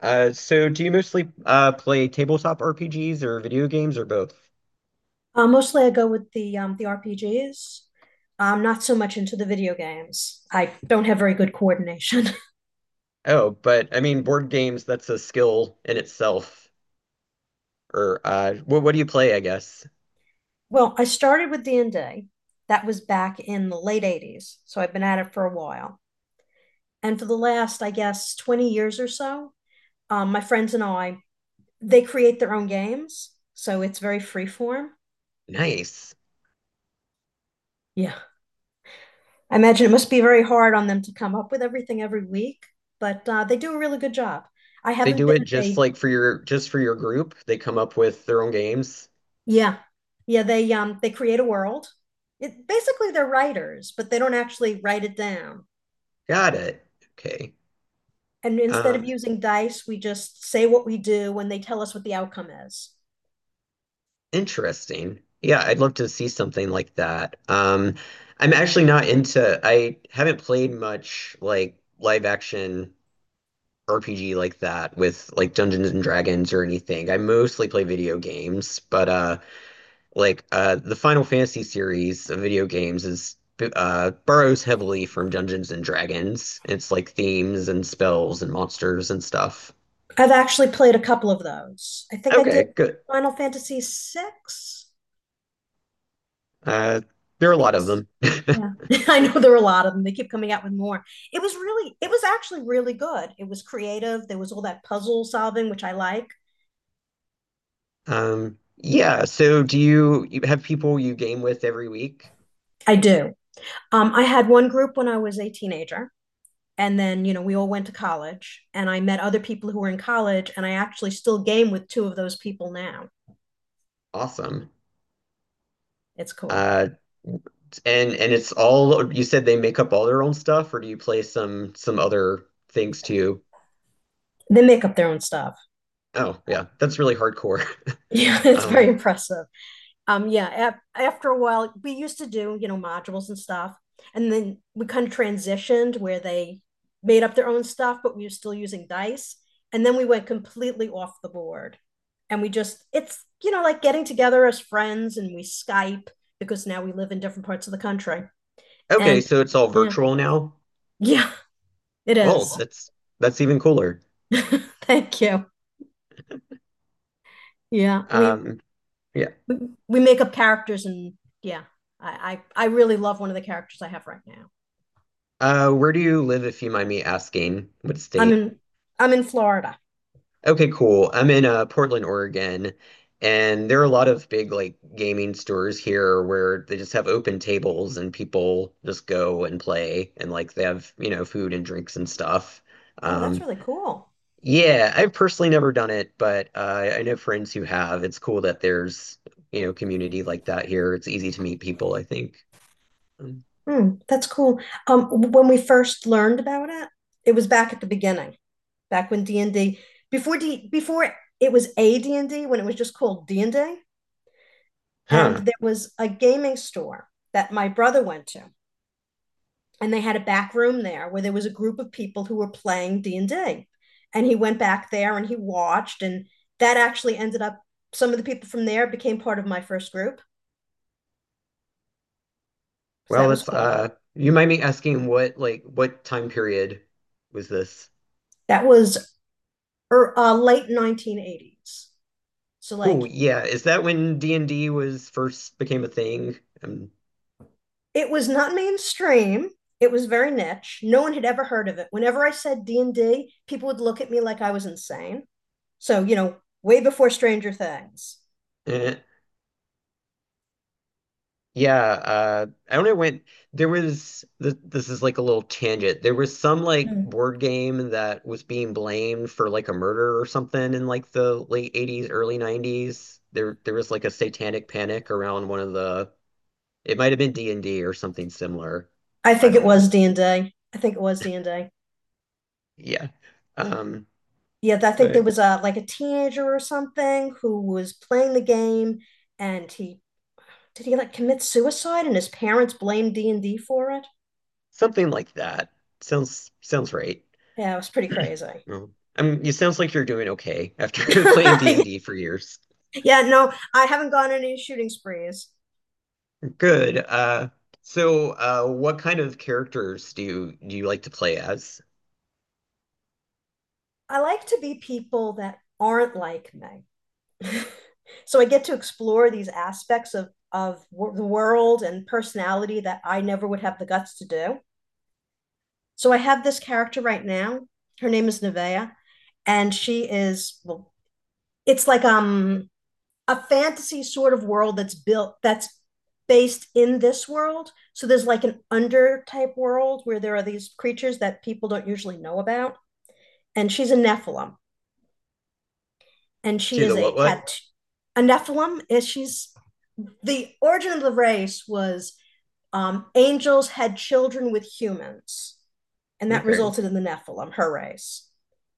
So do you mostly play tabletop RPGs or video games or both? Mostly I go with the RPGs. I'm not so much into the video games. I don't have very good coordination. Oh, but I mean board games, that's a skill in itself. Or what do you play, I guess? Well, I started with D&D. That was back in the late 80s, so I've been at it for a while. And for the last, I guess, 20 years or so, my friends and I, they create their own games, so it's very freeform. Nice. Yeah. I imagine it must be very hard on them to come up with everything every week, but they do a really good job. I They haven't do been it just a. like for your group. They come up with their own games. Yeah. Yeah, they create a world. It basically they're writers, but they don't actually write it down. Got it. Okay. And instead of Um, using dice, we just say what we do when they tell us what the outcome is. Interesting. Yeah, I'd love to see something like that. I'm actually not into I haven't played much like live action RPG like that with like Dungeons and Dragons or anything. I mostly play video games, but like the Final Fantasy series of video games is borrows heavily from Dungeons and Dragons. It's like themes and spells and monsters and stuff. I've actually played a couple of those. I think I Okay, did good. Final Fantasy six. Uh, there I are a think it lot of was. them. Yeah. I know there are a lot of them. They keep coming out with more. It was actually really good. It was creative. There was all that puzzle solving, which I like. Yeah, so do you have people you game with every week? I do. I had one group when I was a teenager, and then we all went to college, and I met other people who were in college, and I actually still game with two of those people now. Awesome. It's cool. Uh, and it's all, you said they make up all their own stuff, or do you play some other things too? They make up their own stuff. Oh, yeah, that's really hardcore. Yeah, it's Um, very impressive. Yeah, after a while we used to do modules and stuff, and then we kind of transitioned where they made up their own stuff, but we were still using dice. And then we went completely off the board, and we just it's like getting together as friends, and we Skype, because now we live in different parts of the country. okay, And so it's all yeah. virtual now. Yeah, it Well, is. that's even cooler. Thank you. Yeah, Um, yeah. we we make up characters, and yeah, I really love one of the characters I have right now. Where do you live, if you mind me asking? What I'm state? in I'm in Florida. Okay, cool. I'm in Portland, Oregon, and there are a lot of big like gaming stores here where they just have open tables and people just go and play and like they have, you know, food and drinks and stuff. Oh, that's Um, really cool. yeah, I've personally never done it, but I know friends who have. It's cool that there's, you know, community like that here. It's easy to meet people, I think. Um, Hmm, that's cool. When we first learned about it, it was back at the beginning, back when D and D before it was a D and D when it was just called D and D, and huh. there was a gaming store that my brother went to, and they had a back room there where there was a group of people who were playing D&D. And he went back there and he watched, and that actually ended up some of the people from there became part of my first group, so that Well, was it's cool. You might be asking what, like what time period was this? That was late 1980s, so like Cool. Yeah. Is that when D&D was first became a thing? It was not mainstream. It was very niche. No one had ever heard of it. Whenever I said D&D, people would look at me like I was insane. So way before Stranger Things. Eh. Yeah, I don't know when there was th this is like a little tangent. There was some like Hmm. board game that was being blamed for like a murder or something in like the late 80s, early 90s. There was like a satanic panic around one of the, it might have been D&D or something similar. I I think it don't know. was D&D. I think it was D&D. Yeah. Um, Yeah, I think there but was a like a teenager or something who was playing the game, and he did he like commit suicide, and his parents blamed D&D for it? something like that. Sounds right. Yeah, it was pretty crazy. Well, I mean, it sounds like you're doing okay after playing D&D for years. Yeah, no, I haven't gone on any shooting sprees. Good. So, what kind of characters do you like to play as? I like to be people that aren't like me. So I get to explore these aspects of the world and personality that I never would have the guts to do. So I have this character right now. Her name is Nevaeh, and she is well, it's like a fantasy sort of world that's based in this world. So there's like an under type world where there are these creatures that people don't usually know about. And she's a Nephilim, and she To is the, a what? tattoo. A Nephilim is, she's, the origin of the race was, angels had children with humans, and that Okay, resulted in the Nephilim, her race.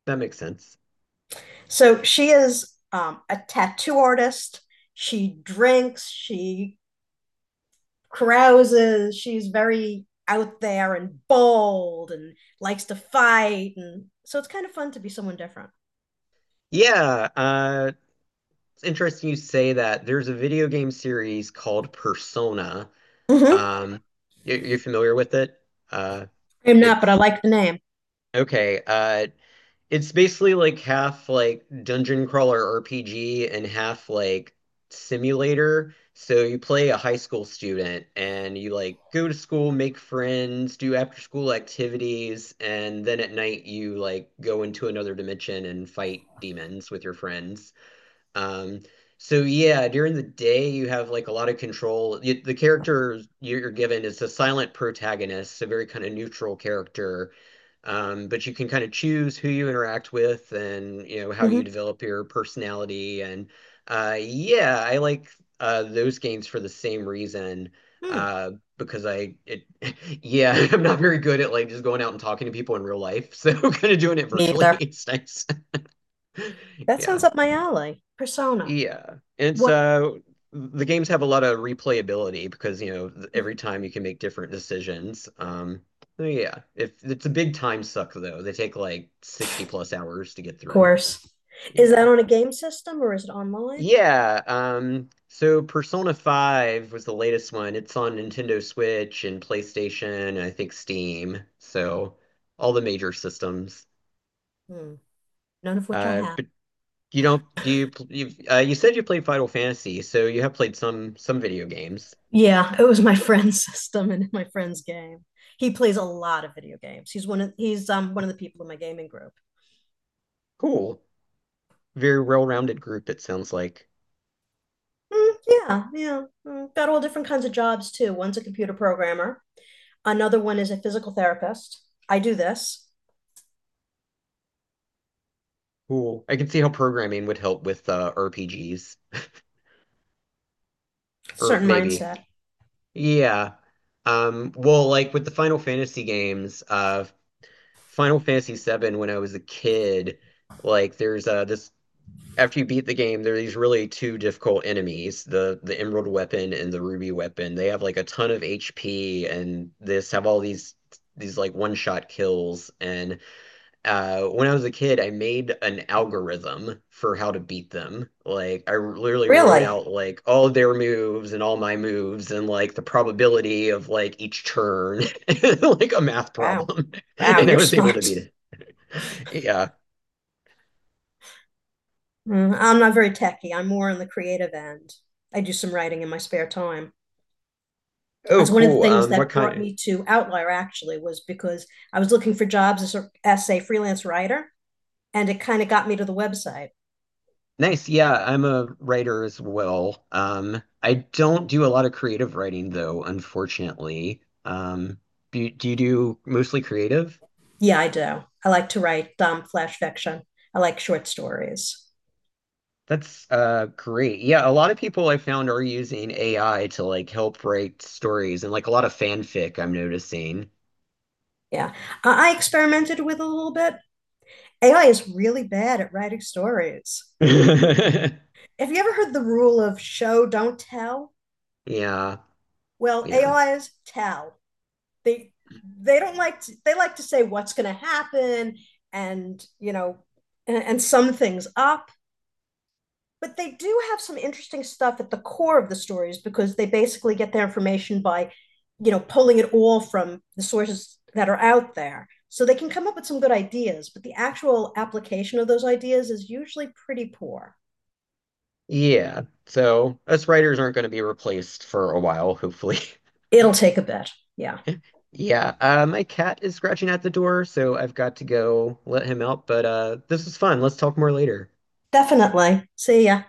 that makes sense. So she is a tattoo artist. She drinks. She carouses. She's very out there and bold, and likes to fight. And so it's kind of fun to be someone different. Yeah, it's interesting you say that. There's a video game series called Persona. Mm-hmm. Um, you're familiar with it? Uh, I'm not, but I it's like the name. okay. It's basically like half like dungeon crawler RPG and half like simulator. So you play a high school student and you like go to school, make friends, do after school activities, and then at night you like go into another dimension and fight demons with your friends. Um, so yeah, during the day you have like a lot of control. The character you're given is a silent protagonist, a very kind of neutral character, but you can kind of choose who you interact with and you know how you Mhm. develop your personality. And yeah, I like those games for the same reason. Hmm. Because I it yeah, I'm not very good at like just going out and talking to people in real life. So kind of doing it Me virtually. either. It's nice. That Yeah. sounds up my alley. Persona. Yeah. And What so the games have a lot of replayability because, you know, every time you can make different decisions. So yeah. If it's a big time suck though. They take like 60 plus hours to get through. course? Is that Yeah. on a game system, or is it online? Yeah, so Persona 5 was the latest one. It's on Nintendo Switch and PlayStation and I think Steam. So all the major systems. Hmm. None of which I have. But you don't, you've, you said you played Final Fantasy, so you have played some video games. Yeah, it was my friend's system and my friend's game. He plays a lot of video games. He's one of the people in my gaming group. Cool. Very well-rounded group, it sounds like. Mm, yeah, yeah. Mm, got all different kinds of jobs, too. One's a computer programmer. Another one is a physical therapist. I do this. Cool. I can see how programming would help with RPGs, or Certain maybe. mindset. Yeah. Well, like with the Final Fantasy games, Final Fantasy VII, when I was a kid, like there's this after you beat the game, there are these really two difficult enemies, the Emerald Weapon and the Ruby Weapon. They have like a ton of HP and this have all these like one-shot kills. And when I was a kid, I made an algorithm for how to beat them. Like I literally wrote Really? out like all of their moves and all my moves and like the probability of like each turn, like a math Wow. problem. Wow, And I you're was able to smart. beat it. Yeah. Mm, I'm not very techy. I'm more on the creative end. I do some writing in my spare time. Oh, That's one of the cool. things What that brought kind. me to Outlier, actually, was because I was looking for jobs as a freelance writer, and it kind of got me to the website. Nice. Yeah, I'm a writer as well. I don't do a lot of creative writing though, unfortunately. Do you do mostly creative? Yeah, I do. I like to write flash fiction. I like short stories. That's great. Yeah, a lot of people I found are using AI to like help write stories and like a lot of fanfic I'm noticing. Yeah. I experimented with a little bit. AI is really bad at writing stories. Have you ever heard the rule of show, don't tell? Yeah, Well, yeah. A is tell. They they don't like to, they like to say what's going to happen and, and sum things up. But they do have some interesting stuff at the core of the stories, because they basically get their information by pulling it all from the sources that are out there. So they can come up with some good ideas, but the actual application of those ideas is usually pretty poor. Yeah. So us writers aren't going to be replaced for a while, hopefully. It'll take a bit. Yeah. Yeah, my cat is scratching at the door, so I've got to go let him out, but this was fun. Let's talk more later. Definitely. See ya.